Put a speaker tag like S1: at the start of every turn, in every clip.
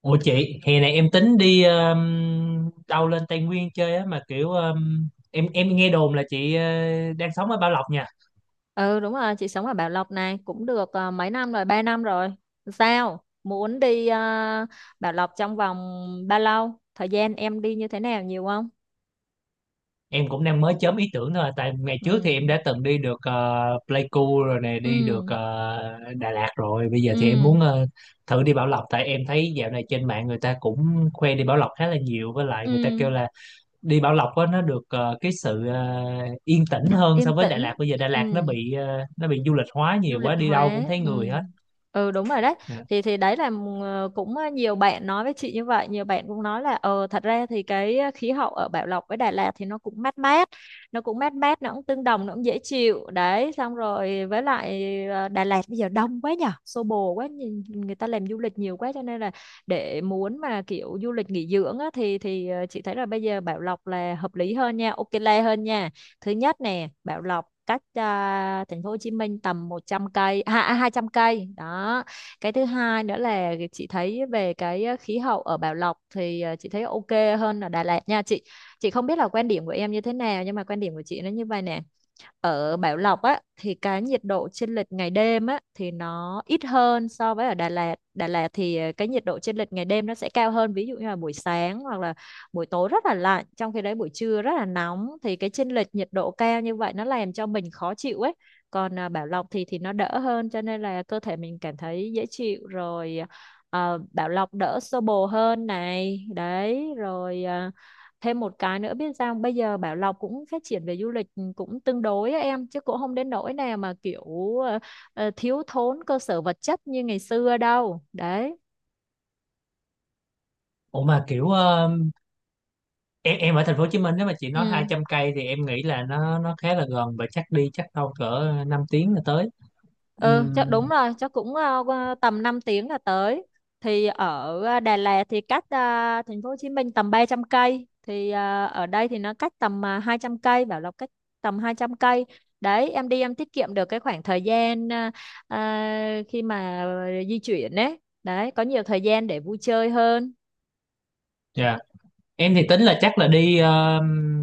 S1: Ủa chị, hè này em tính đi đâu lên Tây Nguyên chơi á, mà kiểu em nghe đồn là chị đang sống ở Bảo Lộc nha.
S2: Ừ đúng rồi, chị sống ở Bảo Lộc này cũng được mấy năm rồi, 3 năm rồi. Sao? Muốn đi Bảo Lộc trong vòng bao lâu? Thời gian em đi như thế nào nhiều không?
S1: Em cũng đang mới chớm ý tưởng thôi à, tại ngày
S2: Ừ.
S1: trước thì em đã từng đi được Pleiku rồi nè,
S2: Ừ.
S1: đi được Đà Lạt rồi. Bây giờ thì em
S2: Ừ.
S1: muốn thử đi Bảo Lộc, tại em thấy dạo này trên mạng người ta cũng khoe đi Bảo Lộc khá là nhiều, với lại người ta
S2: Ừ.
S1: kêu là đi Bảo Lộc á nó được cái sự yên tĩnh hơn
S2: Yên
S1: so với Đà
S2: tĩnh.
S1: Lạt. Bây giờ Đà
S2: Ừ.
S1: Lạt nó bị du lịch hóa
S2: Du
S1: nhiều
S2: lịch
S1: quá, đi đâu
S2: hóa,
S1: cũng thấy
S2: ừ.
S1: người hết.
S2: Ừ, đúng rồi đấy.
S1: Dạ.
S2: Thì đấy là cũng nhiều bạn nói với chị như vậy. Nhiều bạn cũng nói là thật ra thì cái khí hậu ở Bảo Lộc với Đà Lạt thì nó cũng mát mát, nó cũng mát mát, nó cũng tương đồng, nó cũng dễ chịu đấy. Xong rồi với lại Đà Lạt bây giờ đông quá nhở, xô bồ quá, nhìn người ta làm du lịch nhiều quá cho nên là để muốn mà kiểu du lịch nghỉ dưỡng á, thì chị thấy là bây giờ Bảo Lộc là hợp lý hơn nha, ok le hơn nha. Thứ nhất nè, Bảo Lộc cách thành phố Hồ Chí Minh tầm 100 cây, à, 200 cây đó. Cái thứ hai nữa là chị thấy về cái khí hậu ở Bảo Lộc thì chị thấy ok hơn ở Đà Lạt nha chị. Chị không biết là quan điểm của em như thế nào nhưng mà quan điểm của chị nó như vậy nè. Ở Bảo Lộc á thì cái nhiệt độ chênh lệch ngày đêm á thì nó ít hơn so với ở Đà Lạt. Đà Lạt thì cái nhiệt độ chênh lệch ngày đêm nó sẽ cao hơn, ví dụ như là buổi sáng hoặc là buổi tối rất là lạnh trong khi đấy buổi trưa rất là nóng, thì cái chênh lệch nhiệt độ cao như vậy nó làm cho mình khó chịu ấy. Còn Bảo Lộc thì nó đỡ hơn cho nên là cơ thể mình cảm thấy dễ chịu rồi. Bảo Lộc đỡ xô bồ hơn này đấy rồi. Thêm một cái nữa, biết sao bây giờ Bảo Lộc cũng phát triển về du lịch, cũng tương đối á em, chứ cũng không đến nỗi nào mà kiểu ờ, thiếu thốn cơ sở vật chất như ngày xưa đâu đấy.
S1: Ủa, mà kiểu em ở thành phố Hồ Chí Minh, nếu mà chị nói hai
S2: Ừ.
S1: trăm cây thì em nghĩ là nó khá là gần, và chắc đâu cỡ 5 tiếng là tới.
S2: Ừ, chắc
S1: Um,
S2: đúng rồi, chắc cũng qua tầm 5 tiếng là tới. Thì ở Đà Lạt thì cách thành phố Hồ Chí Minh tầm 300 cây, thì ở đây thì nó cách tầm 200 cây, Bảo Lộc cách tầm 200 cây. Đấy, em đi em tiết kiệm được cái khoảng thời gian khi mà di chuyển đấy. Đấy, có nhiều thời gian để vui chơi hơn.
S1: Em thì tính là chắc là đi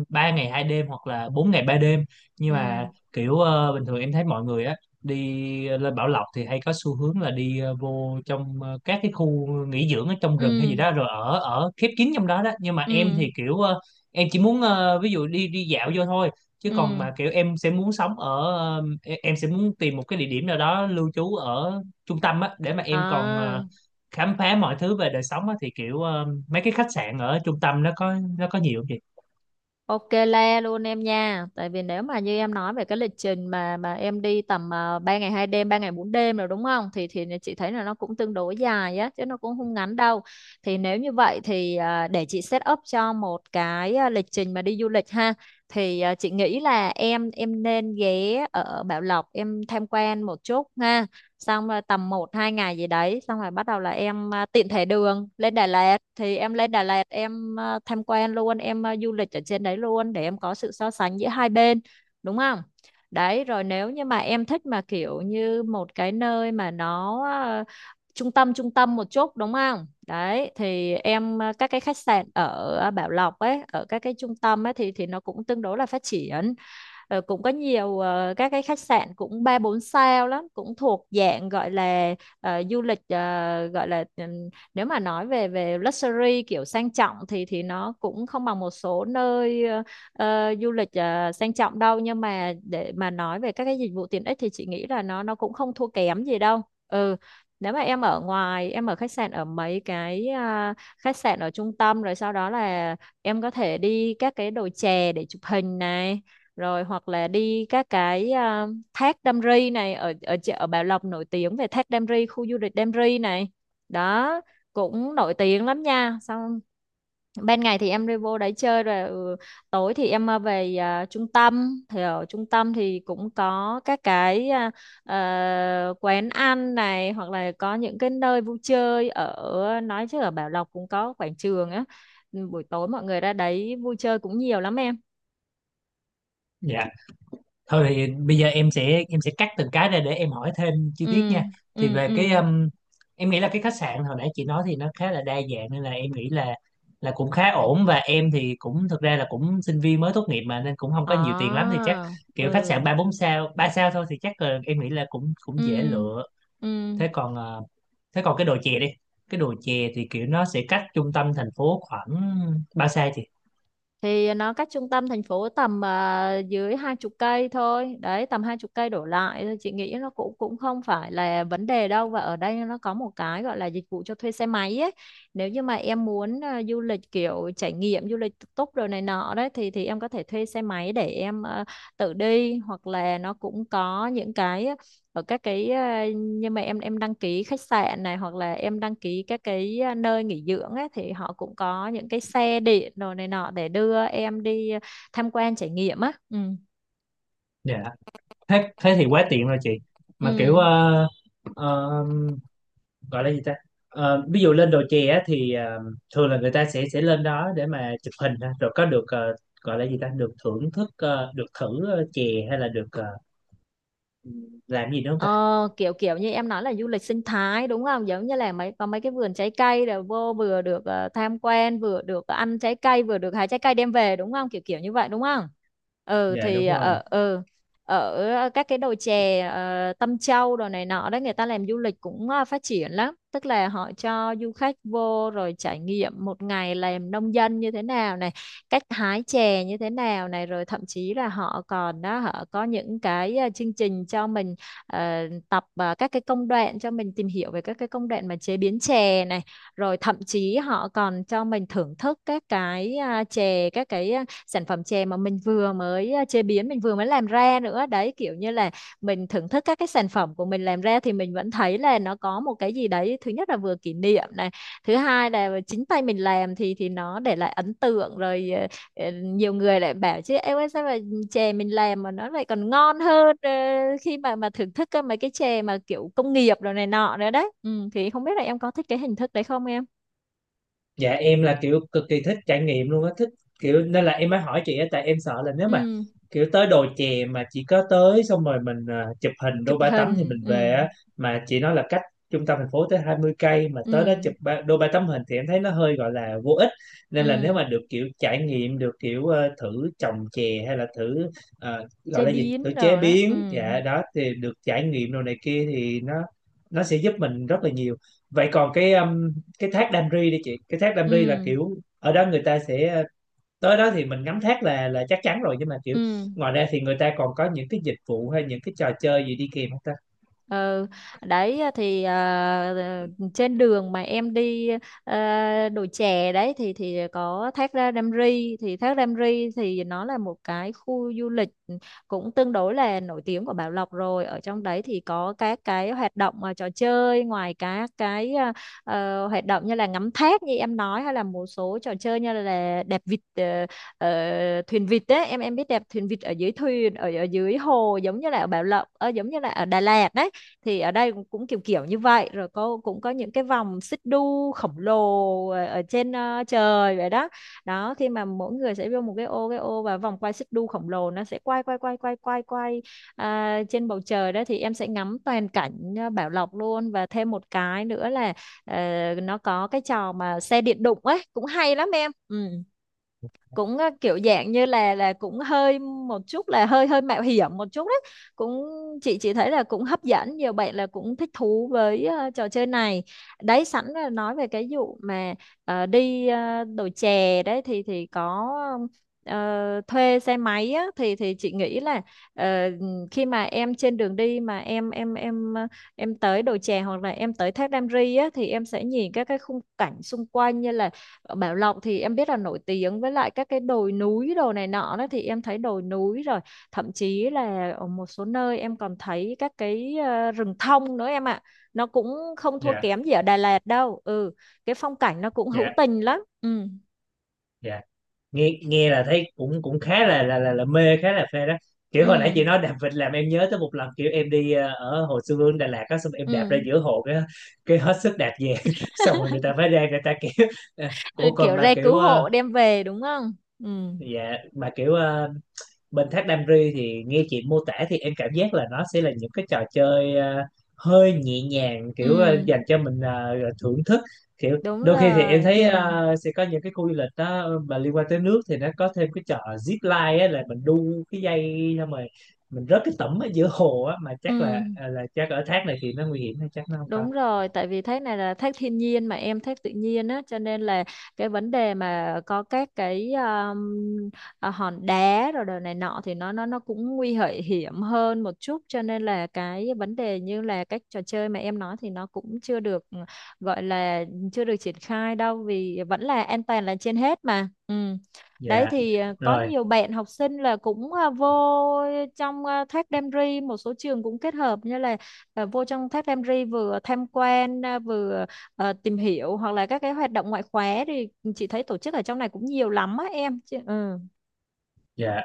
S1: 3 ngày 2 đêm hoặc là 4 ngày 3 đêm, nhưng
S2: Ừ,
S1: mà kiểu bình thường em thấy mọi người á đi lên Bảo Lộc thì hay có xu hướng là đi vô trong các cái khu nghỉ dưỡng ở trong rừng hay
S2: ừ,
S1: gì đó, rồi ở ở khép kín trong đó đó. Nhưng mà em
S2: ừ,
S1: thì kiểu em chỉ muốn ví dụ đi đi dạo vô thôi, chứ còn
S2: ừ.
S1: mà kiểu em sẽ muốn sống ở em sẽ muốn tìm một cái địa điểm nào đó lưu trú ở trung tâm á, để mà em còn
S2: À.
S1: khám phá mọi thứ về đời sống á, thì kiểu mấy cái khách sạn ở trung tâm nó có nhiều không chị?
S2: Ok le luôn em nha. Tại vì nếu mà như em nói về cái lịch trình mà em đi tầm 3 ngày 2 đêm, 3 ngày 4 đêm rồi đúng không? Thì chị thấy là nó cũng tương đối dài á chứ nó cũng không ngắn đâu. Thì nếu như vậy thì để chị set up cho một cái lịch trình mà đi du lịch ha. Thì chị nghĩ là em nên ghé ở Bảo Lộc em tham quan một chút ha, xong rồi tầm một 2 ngày gì đấy xong rồi bắt đầu là em tiện thể đường lên Đà Lạt thì em lên Đà Lạt em tham quan luôn em du lịch ở trên đấy luôn để em có sự so sánh giữa hai bên, đúng không? Đấy rồi, nếu như mà em thích mà kiểu như một cái nơi mà nó trung tâm một chút đúng không, đấy thì em các cái khách sạn ở Bảo Lộc ấy, ở các cái trung tâm ấy thì nó cũng tương đối là phát triển. Rồi cũng có nhiều các cái khách sạn cũng ba bốn sao lắm, cũng thuộc dạng gọi là du lịch gọi là nếu mà nói về về luxury kiểu sang trọng thì nó cũng không bằng một số nơi du lịch sang trọng đâu, nhưng mà để mà nói về các cái dịch vụ tiện ích thì chị nghĩ là nó cũng không thua kém gì đâu. Ừ. Nếu mà em ở ngoài, em ở khách sạn ở mấy cái khách sạn ở trung tâm, rồi sau đó là em có thể đi các cái đồi chè để chụp hình này, rồi hoặc là đi các cái thác Đam Ri này, ở ở chợ- ở Bảo Lộc nổi tiếng về thác Đam Ri, khu du lịch Đam Ri này, đó, cũng nổi tiếng lắm nha. Xong ban ngày thì em đi vô đấy chơi rồi, tối thì em về trung tâm, thì ở trung tâm thì cũng có các cái quán ăn này hoặc là có những cái nơi vui chơi ở, nói chứ ở Bảo Lộc cũng có quảng trường á. Ừ, buổi tối mọi người ra đấy vui chơi cũng nhiều lắm em.
S1: Dạ. Thôi thì bây giờ em sẽ cắt từng cái ra để em hỏi thêm chi tiết
S2: Ừ.
S1: nha. Thì
S2: Ừ.
S1: về cái
S2: Ừ.
S1: em nghĩ là cái khách sạn hồi nãy chị nói thì nó khá là đa dạng, nên là em nghĩ là cũng khá ổn, và em thì cũng, thực ra là cũng sinh viên mới tốt nghiệp mà, nên cũng không có nhiều tiền lắm, thì
S2: À,
S1: chắc kiểu khách
S2: ừ,
S1: sạn ba bốn sao, ba sao thôi, thì chắc là em nghĩ là cũng cũng dễ
S2: ừ,
S1: lựa.
S2: ừ.
S1: Thế còn ờ, thế còn cái đồ chè đi? Cái đồ chè thì kiểu nó sẽ cách trung tâm thành phố khoảng ba sao chị?
S2: Thì nó cách trung tâm thành phố tầm dưới 20 cây thôi. Đấy, tầm 20 cây đổ lại. Thôi, chị nghĩ nó cũng cũng không phải là vấn đề đâu. Và ở đây nó có một cái gọi là dịch vụ cho thuê xe máy ấy. Nếu như mà em muốn du lịch kiểu trải nghiệm, du lịch tự túc rồi này nọ đấy, thì em có thể thuê xe máy để em tự đi. Hoặc là nó cũng có những cái ở các cái nhưng mà em đăng ký khách sạn này hoặc là em đăng ký các cái nơi nghỉ dưỡng ấy, thì họ cũng có những cái xe điện đồ này nọ để đưa em đi tham quan trải nghiệm á. Ừ.
S1: Dạ. thế thế thì quá tiện rồi chị,
S2: Ừ.
S1: mà kiểu ờ, gọi là gì ta? Ờ, ví dụ lên đồ chè á, thì thường là người ta sẽ lên đó để mà chụp hình ha, rồi có được gọi là gì ta, được thưởng thức được thử chè, hay là được làm gì nữa không ta?
S2: Ờ, Kiểu kiểu như em nói là du lịch sinh thái đúng không? Giống như là mấy có mấy cái vườn trái cây rồi vô vừa được tham quan, vừa được ăn trái cây, vừa được hái trái cây đem về đúng không? Kiểu kiểu như vậy đúng không? Ừ
S1: Dạ
S2: thì
S1: đúng rồi.
S2: ở ở các cái đồi chè Tâm Châu đồ này nọ đấy, người ta làm du lịch cũng phát triển lắm, tức là họ cho du khách vô rồi trải nghiệm một ngày làm nông dân như thế nào này, cách hái chè như thế nào này, rồi thậm chí là họ còn đó họ có những cái chương trình cho mình ờ, tập các cái công đoạn, cho mình tìm hiểu về các cái công đoạn mà chế biến chè này, rồi thậm chí họ còn cho mình thưởng thức các cái chè, các cái sản phẩm chè mà mình vừa mới chế biến, mình vừa mới làm ra nữa đấy, kiểu như là mình thưởng thức các cái sản phẩm của mình làm ra thì mình vẫn thấy là nó có một cái gì đấy. Thứ nhất là vừa kỷ niệm này, thứ hai là chính tay mình làm thì nó để lại ấn tượng rồi. Ờ, Nhiều người lại bảo chứ em ơi sao mà chè mình làm mà nó lại còn ngon hơn khi mà thưởng thức cơ, mấy cái chè mà kiểu công nghiệp rồi này nọ nữa đấy, thì không biết là em có thích cái hình thức đấy không em?
S1: Dạ em là kiểu cực kỳ thích trải nghiệm luôn á, thích kiểu, nên là em mới hỏi chị á, tại em sợ là nếu mà
S2: Ừ,
S1: kiểu tới đồi chè mà chỉ có tới xong rồi mình chụp hình
S2: chụp
S1: đô ba tấm thì
S2: hình,
S1: mình
S2: ừ,
S1: về á, mà chị nói là cách trung tâm thành phố tới 20 cây mà tới
S2: ừ,
S1: đó chụp ba, đô ba tấm hình thì em thấy nó hơi gọi là vô ích. Nên là nếu
S2: ừ,
S1: mà được kiểu trải nghiệm, được kiểu thử trồng chè hay là thử gọi
S2: chế
S1: là gì, thử
S2: biến
S1: chế
S2: rồi đó, ừ,
S1: biến, dạ đó, thì được trải nghiệm đồ này kia thì nó sẽ giúp mình rất là nhiều. Vậy còn cái thác Đam Ri đi chị, cái thác Đam
S2: ừ,
S1: Ri là kiểu ở đó người ta sẽ tới đó thì mình ngắm thác là chắc chắn rồi, nhưng mà kiểu
S2: ừ.
S1: ngoài ra thì người ta còn có những cái dịch vụ hay những cái trò chơi gì đi kèm không ta?
S2: Ừ, đấy trên đường mà em đi đồi chè đấy thì có thác Đam Ri thì thác Đam Ri thì nó là một cái khu du lịch cũng tương đối là nổi tiếng của Bảo Lộc rồi. Ở trong đấy thì có các cái hoạt động, trò chơi ngoài các cái hoạt động như là ngắm thác như em nói, hay là một số trò chơi như là đạp vịt, thuyền vịt đấy. Em biết đạp thuyền vịt ở dưới thuyền ở ở dưới hồ, giống như là ở Bảo Lộc, giống như là ở Đà Lạt đấy, thì ở đây cũng kiểu kiểu như vậy. Rồi có cũng có những cái vòng xích đu khổng lồ ở trên trời vậy đó. Đó, khi mà mỗi người sẽ vô một cái ô và vòng quay xích đu khổng lồ, nó sẽ quay quay quay quay quay quay trên bầu trời đó, thì em sẽ ngắm toàn cảnh Bảo Lộc luôn. Và thêm một cái nữa là, ờ, nó có cái trò mà xe điện đụng ấy cũng hay lắm em. Ừ, cũng kiểu dạng như là cũng hơi một chút, là hơi hơi mạo hiểm một chút đấy. Cũng, chị thấy là cũng hấp dẫn, nhiều bạn là cũng thích thú với trò chơi này. Đấy, sẵn là nói về cái vụ mà đồi chè đấy thì có thuê xe máy á, thì chị nghĩ là, ờ, khi mà em trên đường đi, mà em tới đồi chè hoặc là em tới thác Đam Ri á, thì em sẽ nhìn các cái khung cảnh xung quanh. Như là Bảo Lộc thì em biết là nổi tiếng với lại các cái đồi núi đồ này nọ đó, thì em thấy đồi núi rồi thậm chí là ở một số nơi em còn thấy các cái rừng thông nữa em ạ. Nó cũng không thua
S1: Dạ,
S2: kém gì ở Đà Lạt đâu. Ừ, cái phong cảnh nó cũng hữu
S1: dạ,
S2: tình lắm. Ừ,
S1: dạ. Nghe nghe là thấy cũng cũng khá là, mê, khá là phê đó. Kiểu hồi nãy
S2: ừ,
S1: chị nói đạp vịt làm em nhớ tới một lần, kiểu em đi ở Hồ Xuân Hương Đà Lạt á, xong em đạp
S2: ừ.
S1: ra giữa hồ, cái hết sức đạp về xong rồi người ta phải ra, người ta kiểu "Ờ,
S2: Rồi
S1: ủa còn
S2: kiểu
S1: mà
S2: re
S1: kiểu
S2: cứu hộ đem về đúng không? Ừ,
S1: dạ, mà kiểu bên Thác Đam Ri thì nghe chị mô tả thì em cảm giác là nó sẽ là những cái trò chơi hơi nhẹ nhàng, kiểu
S2: ừ,
S1: dành cho mình thưởng thức. Kiểu
S2: đúng
S1: đôi khi thì em
S2: rồi.
S1: thấy
S2: Ừ,
S1: sẽ có những cái khu du lịch đó mà liên quan tới nước thì nó có thêm cái trò zip line á, là mình đu cái dây xong rồi mình rớt cái tẩm ở giữa hồ á, mà
S2: ừ,
S1: chắc là là chắc ở thác này thì nó nguy hiểm, hay chắc nó không có?
S2: đúng rồi, tại vì thác này là thác thiên nhiên mà em, thác tự nhiên á, cho nên là cái vấn đề mà có các cái hòn đá rồi đồ này nọ thì nó cũng nguy hại hiểm hơn một chút, cho nên là cái vấn đề như là các trò chơi mà em nói thì nó cũng chưa được gọi là, chưa được triển khai đâu, vì vẫn là an toàn là trên hết mà. Ừ. Đấy,
S1: Dạ
S2: thì có
S1: rồi.
S2: nhiều bạn học sinh là cũng vô trong, thác Đam Ri một số trường cũng kết hợp như là, vô trong thác Đam Ri vừa tham quan, vừa tìm hiểu hoặc là các cái hoạt động ngoại khóa, thì chị thấy tổ chức ở trong này cũng nhiều lắm á em. Chị, ừ,
S1: Dạ.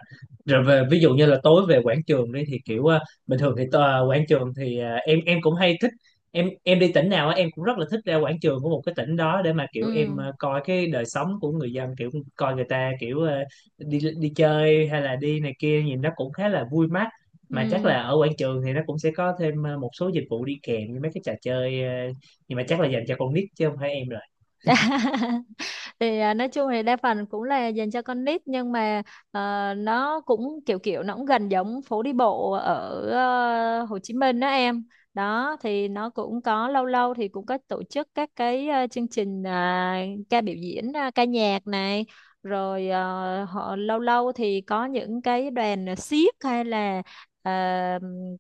S1: Rồi về ví dụ như là tối về quảng trường đi, thì kiểu bình thường thì quảng trường thì em cũng hay thích, em đi tỉnh nào á, em cũng rất là thích ra quảng trường của một cái tỉnh đó để mà kiểu em
S2: ừ,
S1: coi cái đời sống của người dân, kiểu coi người ta kiểu đi đi chơi hay là đi này kia, nhìn nó cũng khá là vui mắt. Mà chắc
S2: ừ.
S1: là ở quảng trường thì nó cũng sẽ có thêm một số dịch vụ đi kèm như mấy cái trò chơi nhưng mà chắc là dành cho con nít chứ không phải em rồi.
S2: Thì nói chung thì đa phần cũng là dành cho con nít, nhưng mà nó cũng kiểu kiểu, nó cũng gần giống phố đi bộ ở Hồ Chí Minh đó em. Đó thì nó cũng có, lâu lâu thì cũng có tổ chức các cái chương trình, ca biểu diễn, ca nhạc này, rồi họ lâu lâu thì có những cái đoàn xiếc, hay là ờ,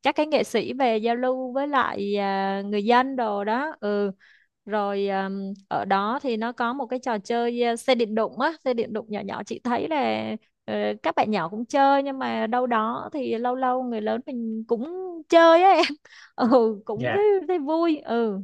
S2: các cái nghệ sĩ về giao lưu với lại người dân đồ đó. Ừ, rồi ở đó thì nó có một cái trò chơi, xe điện đụng á, xe điện đụng nhỏ nhỏ, chị thấy là ờ, các bạn nhỏ cũng chơi, nhưng mà đâu đó thì lâu lâu người lớn mình cũng chơi á em. Ừ, cũng
S1: Dạ,
S2: thấy vui. Ừ,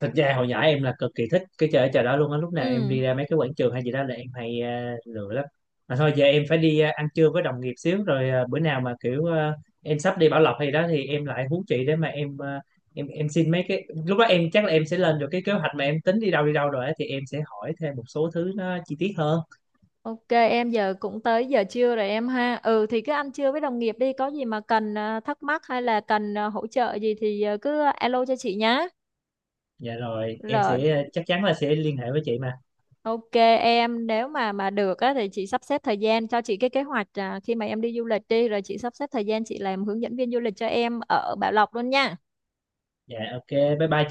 S1: thật ra hồi nhỏ em là cực kỳ thích cái chơi ở chợ đó luôn á, lúc nào em
S2: ừ,
S1: đi ra mấy cái quảng trường hay gì đó là em hay lựa lắm. Mà thôi, giờ em phải đi ăn trưa với đồng nghiệp xíu rồi, bữa nào mà kiểu em sắp đi Bảo Lộc hay đó thì em lại hú chị, để mà em em xin mấy cái, lúc đó em chắc là em sẽ lên được cái kế hoạch mà em tính đi đâu rồi á, thì em sẽ hỏi thêm một số thứ nó chi tiết hơn.
S2: ok em, giờ cũng tới giờ trưa rồi em ha. Ừ, thì cứ ăn trưa với đồng nghiệp đi, có gì mà cần thắc mắc hay là cần hỗ trợ gì thì cứ alo cho chị nhá.
S1: Dạ rồi, em
S2: Rồi,
S1: sẽ chắc chắn là sẽ liên hệ với chị mà.
S2: ok em, nếu mà được á, thì chị sắp xếp thời gian cho chị cái kế hoạch, khi mà em đi du lịch đi, rồi chị sắp xếp thời gian chị làm hướng dẫn viên du lịch cho em ở Bảo Lộc luôn nha.
S1: Dạ, ok, bye bye.